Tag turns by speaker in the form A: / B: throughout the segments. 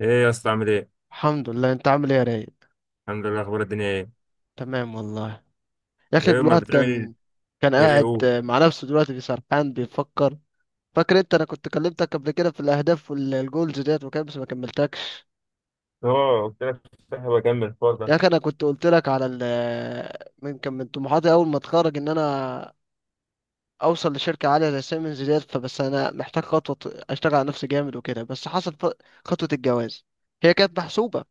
A: ايه يا اسطى؟ عامل ايه؟
B: الحمد لله. انت عامل ايه يا رايق؟
A: الحمد لله، اخبار الدنيا ايه؟
B: تمام والله. يا اخي
A: ايه امال
B: الواحد
A: بتعمل ايه؟
B: كان
A: ايه
B: قاعد
A: قول.
B: مع نفسه دلوقتي بيسرحان بيفكر. فاكر انت انا كنت كلمتك قبل كده في الاهداف والجولز ديت وكده بس ما كملتكش.
A: اه، قلت لك صاحب، اكمل الحوار
B: يا
A: ده.
B: اخي انا كنت قلت لك على ال من كان من طموحاتي اول ما اتخرج ان انا اوصل لشركه عاليه زي سيمنز ديت، فبس انا محتاج خطوه اشتغل على نفسي جامد وكده. بس حصل خطوه الجواز، هي كانت محسوبه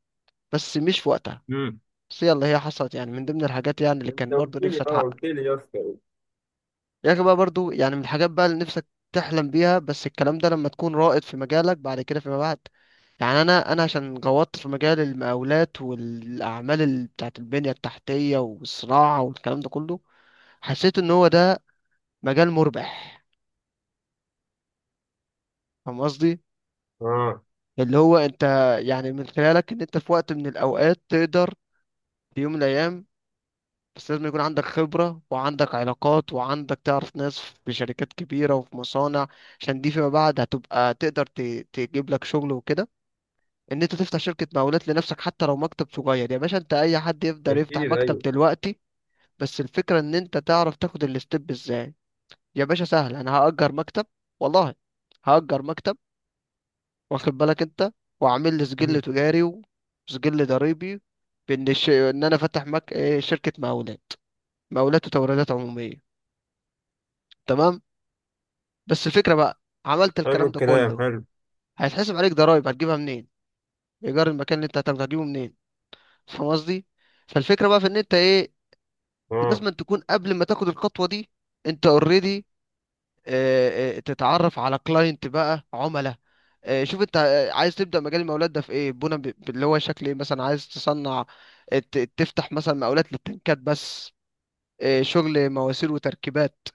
B: بس مش في وقتها.
A: امم.
B: بس يلا هي حصلت، يعني من ضمن الحاجات يعني اللي
A: انت
B: كان برضو
A: قلت لي
B: نفسي
A: اه
B: اتحقق.
A: قلت لي يا اسطى.
B: يا اخي بقى برضو يعني من الحاجات بقى اللي نفسك تحلم بيها، بس الكلام ده لما تكون رائد في مجالك بعد كده فيما بعد. يعني انا عشان غوطت في مجال المقاولات والاعمال بتاعت البنية التحتية والصناعة والكلام ده كله، حسيت ان هو ده مجال مربح. فاهم قصدي؟
A: اه،
B: اللي هو انت يعني من خلالك، ان انت في وقت من الاوقات تقدر في يوم من الايام. بس لازم يكون عندك خبرة وعندك علاقات وعندك تعرف ناس في شركات كبيرة وفي مصانع، عشان دي فيما بعد هتبقى تقدر تجيب لك شغل وكده. ان انت تفتح شركة مقاولات لنفسك حتى لو مكتب صغير يا باشا، انت اي حد يقدر يفتح
A: اكيد،
B: مكتب
A: ايوه.
B: دلوقتي. بس الفكرة ان انت تعرف تاخد الستيب ازاي. يا باشا سهل، انا هأجر مكتب، والله هأجر مكتب، واخد بالك انت، واعمل لي سجل
A: امم.
B: تجاري وسجل ضريبي، بان ان انا فاتح مك... إيه، شركة مقاولات، مقاولات وتوريدات عمومية. تمام. بس الفكرة بقى، عملت
A: حلو،
B: الكلام ده
A: الكلام
B: كله،
A: حلو.
B: هيتحسب عليك ضرايب هتجيبها منين؟ ايجار المكان اللي انت هتاخده هتجيبه منين؟ فاهم قصدي؟ فالفكرة بقى في ان انت ايه،
A: اه،
B: لازم أن تكون قبل ما تاخد الخطوة دي، انت اوريدي تتعرف على كلاينت بقى، عملاء. شوف انت، عايز تبدأ مجال المقاولات ده في ايه، بنا اللي هو شكل ايه؟ مثلا عايز تصنع، تفتح مثلا مقاولات للتنكات بس، شغل مواسير وتركيبات،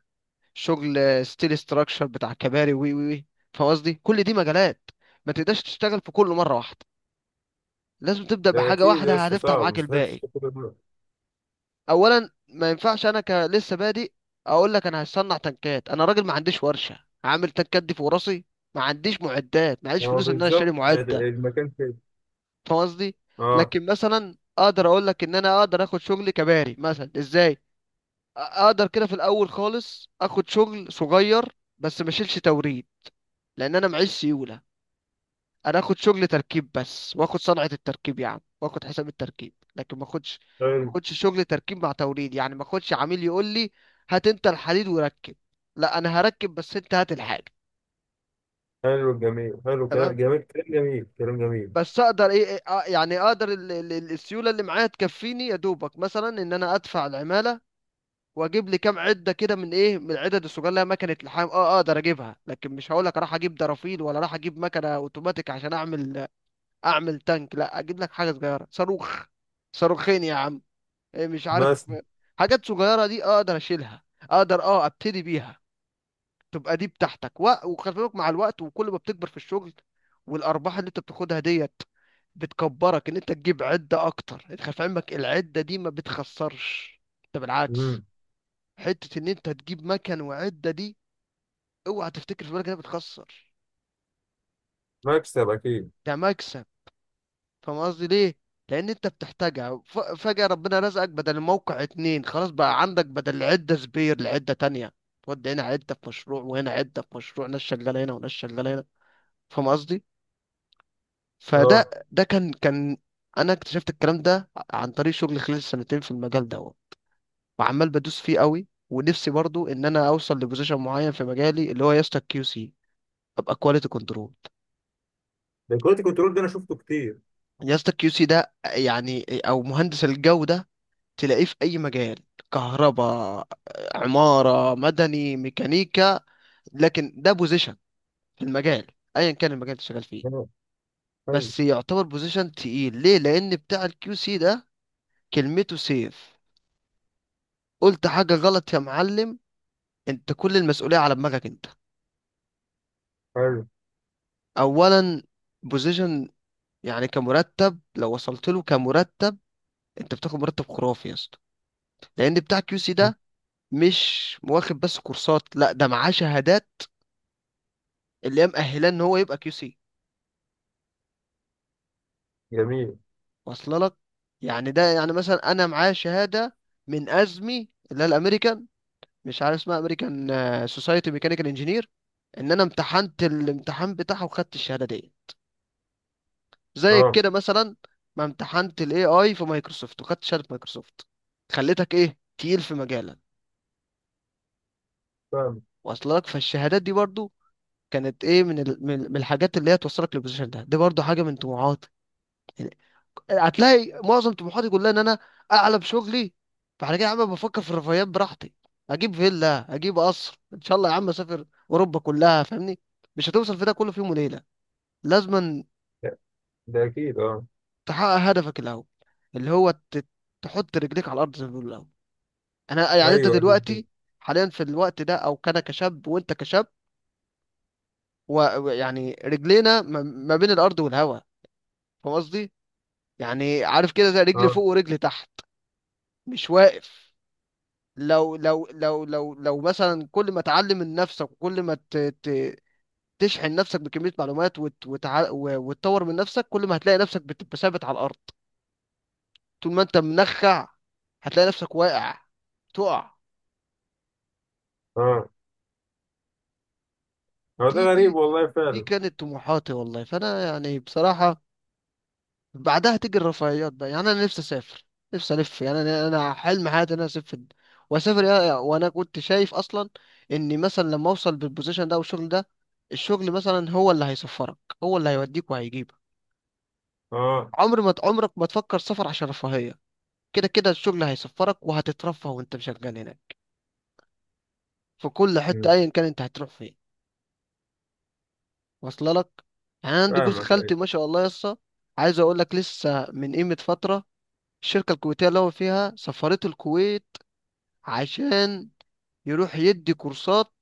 B: شغل ستيل ستراكشر بتاع كباري، وي. فاهم قصدي؟ كل دي مجالات، ما تقدرش تشتغل في كله مره واحده، لازم تبدا
A: ده
B: بحاجه
A: اكيد يا
B: واحده
A: اسطى،
B: هتفتح
A: صعب
B: معاك
A: مستحيل
B: الباقي.
A: تشتغل كل ده.
B: اولا ما ينفعش انا ك لسه بادئ اقول لك انا هصنع تنكات، انا راجل ما عنديش ورشه، عامل تنكات دي في راسي؟ ما عنديش معدات، ما عنديش
A: اه
B: فلوس ان انا
A: بالظبط،
B: اشتري معده.
A: المكان كده.
B: فاهم قصدي؟
A: اه.
B: لكن مثلا اقدر اقول لك ان انا اقدر اخد شغل كباري مثلا. ازاي؟ اقدر كده في الاول خالص اخد شغل صغير، بس ما اشيلش توريد، لان انا معيش سيوله. انا اخد شغل تركيب بس، واخد صنعة التركيب يا عم، واخد حساب التركيب، لكن ما اخدش ما
A: حلو
B: اخدش شغل تركيب مع توريد. يعني ما اخدش عميل يقول لي، هات انت الحديد وركب. لا، انا هركب بس، انت هات الحاجة.
A: حلو، الجميل حلو، كلام
B: تمام.
A: جميل كلام جميل كلام جميل.
B: بس اقدر ايه، إيه، آه، يعني اقدر السيولة اللي معايا تكفيني يا دوبك مثلا ان انا ادفع العمالة، واجيب لي كام عدة كده من ايه، من العدد الصغيرة اللي هي مكنة لحام. اقدر اجيبها، لكن مش هقول لك راح اجيب درافيل ولا راح اجيب مكنة اوتوماتيك عشان اعمل اعمل تانك. لا، اجيب لك حاجه صغيره، صاروخ، صاروخين يا عم. مش عارف.
A: مثلا.
B: حاجات صغيره دي اقدر اشيلها، اقدر اه ابتدي بيها. تبقى دي بتاعتك وخلي بالك، مع الوقت وكل ما بتكبر في الشغل والارباح اللي انت بتاخدها ديت، بتكبرك ان انت تجيب عده اكتر. انت خلي في علمك، العده دي ما بتخسرش، انت بالعكس،
A: امم.
B: حته ان انت تجيب مكن وعده دي اوعى تفتكر في بالك انها بتخسر،
A: مكسب اكيد.
B: ده مكسب. فاهم قصدي ليه؟ لان انت بتحتاجها، فجأة ربنا رزقك بدل الموقع اتنين، خلاص بقى عندك بدل، عدة سبير لعدة تانية، تودي هنا عدة في مشروع وهنا عدة في مشروع، ناس شغالة هنا وناس شغالة هنا. فاهم قصدي؟
A: اه،
B: فده ده كان انا اكتشفت الكلام ده عن طريق شغلي خلال السنتين في المجال ده، وعمال بدوس فيه قوي. ونفسي برضو ان انا اوصل لبوزيشن معين في مجالي، اللي هو يا اسطى كيو سي، ابقى كواليتي كنترول.
A: ده كنت كنترول، ده انا شفته كتير.
B: يا اسطى كيو سي ده يعني او مهندس الجودة، تلاقيه في أي مجال، كهرباء، عمارة، مدني، ميكانيكا. لكن ده بوزيشن في المجال، أيا كان المجال اللي شغال فيه.
A: اه، حلو.
B: بس يعتبر بوزيشن تقيل، ليه؟ لأن بتاع الكيو سي ده كلمته سيف، قلت حاجة غلط يا معلم، أنت كل المسؤولية على دماغك أنت.
A: حلو،
B: أولا، بوزيشن، يعني كمرتب لو وصلت له كمرتب، أنت بتاخد مرتب خرافي يا اسطى. لأن بتاع الكيو سي ده مش واخد بس كورسات، لا ده معاه شهادات اللي هي مأهلاه إن هو يبقى كيو سي.
A: جميل.
B: واصله لك؟ يعني ده يعني مثلا انا معايا شهاده من ازمي، اللي هي الامريكان، مش عارف اسمها، امريكان سوسايتي ميكانيكال انجينير، ان انا امتحنت الامتحان بتاعها وخدت الشهاده دي، زي
A: اه،
B: كده مثلا ما امتحنت الاي اي في مايكروسوفت وخدت شهاده مايكروسوفت، خليتك ايه، تقيل في مجالك.
A: فاهم.
B: واصله لك؟ فالشهادات دي برضو كانت ايه، من ال... من من الحاجات اللي هي توصلك للبوزيشن ده، دي برضو حاجه من طموحاتك. هتلاقي معظم طموحاتي كلها ان انا اعلى بشغلي، فعلى كده يا عم بفكر في الرفاهيات براحتي، اجيب فيلا، اجيب قصر ان شاء الله يا عم، اسافر اوروبا كلها، فاهمني؟ مش هتوصل في ده كله في يوم وليله، لازم
A: ده اكيد، اه.
B: تحقق هدفك الاول، اللي هو تحط رجليك على الارض زي ما بيقولوا الاول. انا
A: ايوه.
B: يعني انت
A: أيوة. أيوه.
B: دلوقتي حاليا في الوقت ده، او كان كشاب وانت كشاب، ويعني رجلينا ما بين الارض والهواء. فاهم قصدي؟ يعني عارف كده زي رجلي
A: اه،
B: فوق ورجلي تحت، مش واقف. لو مثلا كل ما تعلم من نفسك وكل ما تشحن نفسك بكمية معلومات وتطور من نفسك، كل ما هتلاقي نفسك بتبقى ثابت على الأرض. طول ما أنت منخع، هتلاقي نفسك واقع، تقع.
A: اه. هو ده
B: دي دي
A: غريب والله
B: دي
A: فعلا.
B: كانت طموحاتي والله. فأنا يعني بصراحة بعدها تيجي الرفاهيات بقى. يعني انا نفسي اسافر، نفسي الف، يعني أنا حلم حياتي ان انا اسافر واسافر وانا كنت شايف اصلا اني مثلا لما اوصل بالبوزيشن ده والشغل ده، الشغل مثلا هو اللي هيسفرك، هو اللي هيوديك وهيجيبك.
A: اه.
B: عمر ما عمرك ما تفكر سفر عشان رفاهية، كده كده الشغل هيسفرك وهتترفه وانت شغال هناك، في كل حتة
A: أمم.
B: ايا كان انت هتروح فين. واصله لك؟ يعني أنا عندي جوز
A: فاهمك،
B: خالتي
A: ايوه.
B: ما شاء الله يسا. عايز اقول لك لسه من قيمة فترة، الشركة الكويتية اللي هو فيها سفرته الكويت، عشان يروح يدي كورسات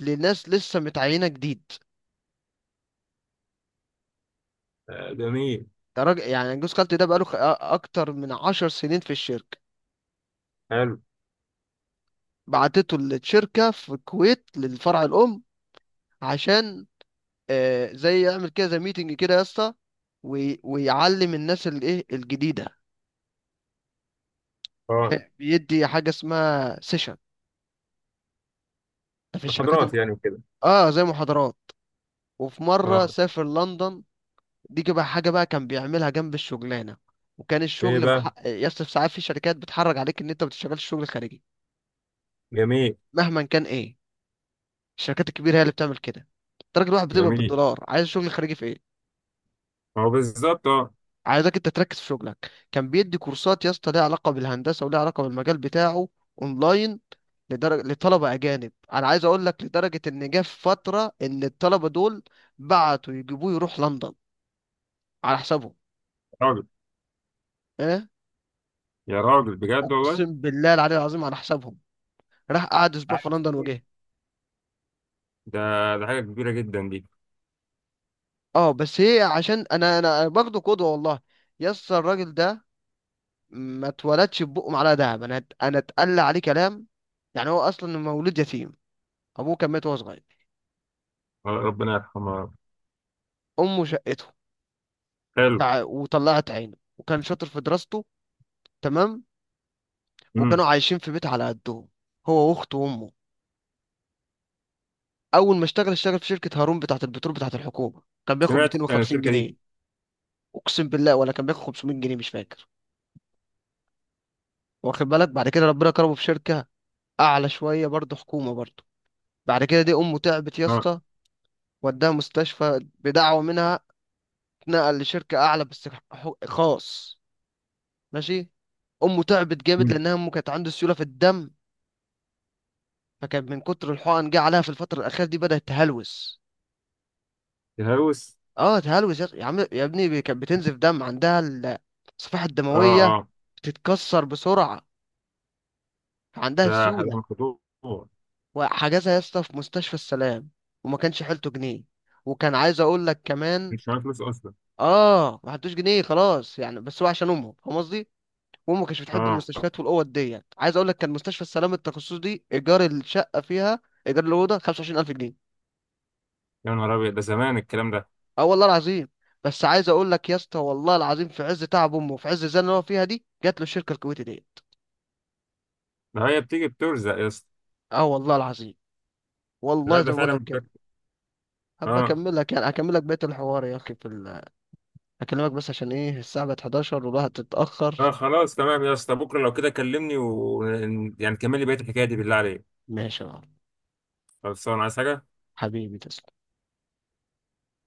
B: لناس لسه متعينة جديد.
A: آه، جميل.
B: ده راجل، يعني جوز خالتي ده بقاله أكتر من عشر سنين في الشركة.
A: حلو.
B: بعتته للشركة في الكويت للفرع الأم، عشان زي يعمل كده زي ميتنج كده يا اسطى، ويعلم الناس الإيه الجديدة.
A: اه.
B: ده بيدي حاجة اسمها سيشن، ده في الشركات
A: محاضرات يعني وكده.
B: اه زي محاضرات. وفي مرة
A: اه.
B: سافر لندن. دي بقى حاجة بقى كان بيعملها جنب الشغلانة، وكان
A: ايه
B: الشغل
A: بقى؟
B: يصرف ساعات في شركات بتحرج عليك ان انت ما بتشتغلش شغل خارجي،
A: جميل.
B: مهما كان ايه. الشركات الكبيرة هي اللي بتعمل كده، انت راجل واحد بتقبض
A: جميل.
B: بالدولار، عايز شغل خارجي في ايه؟
A: هو بالظبط، اه.
B: عايزك انت تركز في شغلك. كان بيدي كورسات يا اسطى ليها علاقة بالهندسة وليها علاقة بالمجال بتاعه، اونلاين، لدرجة لطلبة اجانب. انا عايز اقول لك لدرجة ان جه في فترة ان الطلبة دول بعتوا يجيبوه يروح لندن على حسابهم.
A: راجل.
B: ايه؟
A: يا راجل بجد والله.
B: اقسم بالله العلي العظيم، على حسابهم، راح قعد اسبوع في
A: عارف
B: لندن
A: شكل؟
B: وجه.
A: ده، ده حاجه كبيره جدا دي.
B: اه بس هي عشان انا باخده قدوه والله. يس الراجل ده ما اتولدش ببقه معلقه دهب، انا اتقل عليه كلام. يعني هو اصلا مولود يتيم، ابوه كان مات وهو صغير،
A: آه، ربنا يرحمها.
B: امه شقته،
A: حلو.
B: وطلعت عينه وكان شاطر في دراسته. تمام.
A: امم.
B: وكانوا عايشين في بيت على قدهم، هو واخته وامه. اول ما اشتغل، اشتغل في شركه هارون بتاعه البترول بتاعه الحكومه، كان بياخد
A: سمعت عن
B: 250
A: الشركه دي.
B: جنيه اقسم بالله، ولا كان بياخد 500 جنيه، مش فاكر. واخد بالك، بعد كده ربنا كرمه في شركه اعلى شويه برضه، حكومه برضه. بعد كده دي امه تعبت يا
A: اه.
B: اسطى، وداها مستشفى بدعوه منها. اتنقل لشركه اعلى بس، خاص، ماشي. امه تعبت جامد،
A: امم.
B: لانها امه كانت عنده سيوله في الدم، فكان من كتر الحقن جه عليها في الفتره الاخيره دي بدات تهلوس.
A: الهوس.
B: اه تهلوس يا عم يا ابني، كانت بتنزف دم، عندها الصفائح
A: اه.
B: الدمويه
A: اه.
B: بتتكسر بسرعه، عندها
A: ده ده
B: سيوله.
A: خطوه.
B: وحجزها يا اسطى في مستشفى السلام، وما كانش حيلته جنيه. وكان عايز اقول لك كمان،
A: مش معايا فلوس اصلا.
B: اه ما حدوش جنيه خلاص يعني، بس هو عشان امهم، فاهم قصدي؟ وامه كانتش بتحب
A: اه،
B: المستشفيات والاوض ديت. عايز اقول لك كان مستشفى السلام التخصصي دي ايجار الشقه فيها، ايجار الاوضه، 25,000 جنيه.
A: يا نهار ابيض، ده زمان الكلام ده.
B: اه والله العظيم. بس عايز اقول لك يا اسطى، والله العظيم، في عز تعب امه وفي عز الزنقه اللي هو فيها دي، جات له الشركه الكويتي ديت.
A: ده هي بتيجي بترزق يا اسطى.
B: اه والله العظيم،
A: لا،
B: والله
A: ده
B: زي ما بقول
A: فعلا
B: لك كده.
A: بترزق.
B: هبقى
A: اه،
B: اكمل لك، يعني اكمل لك بقيه الحوار يا اخي في اكلمك بس عشان ايه، الساعه بقت 11 والواحد
A: اه،
B: اتاخر.
A: خلاص تمام يا اسطى، بكره لو كده كلمني، و يعني كمل لي بقيه الحكايه دي بالله عليك.
B: ماشي يا معلم.
A: خلصان، عايز حاجه
B: حبيبي تسلم.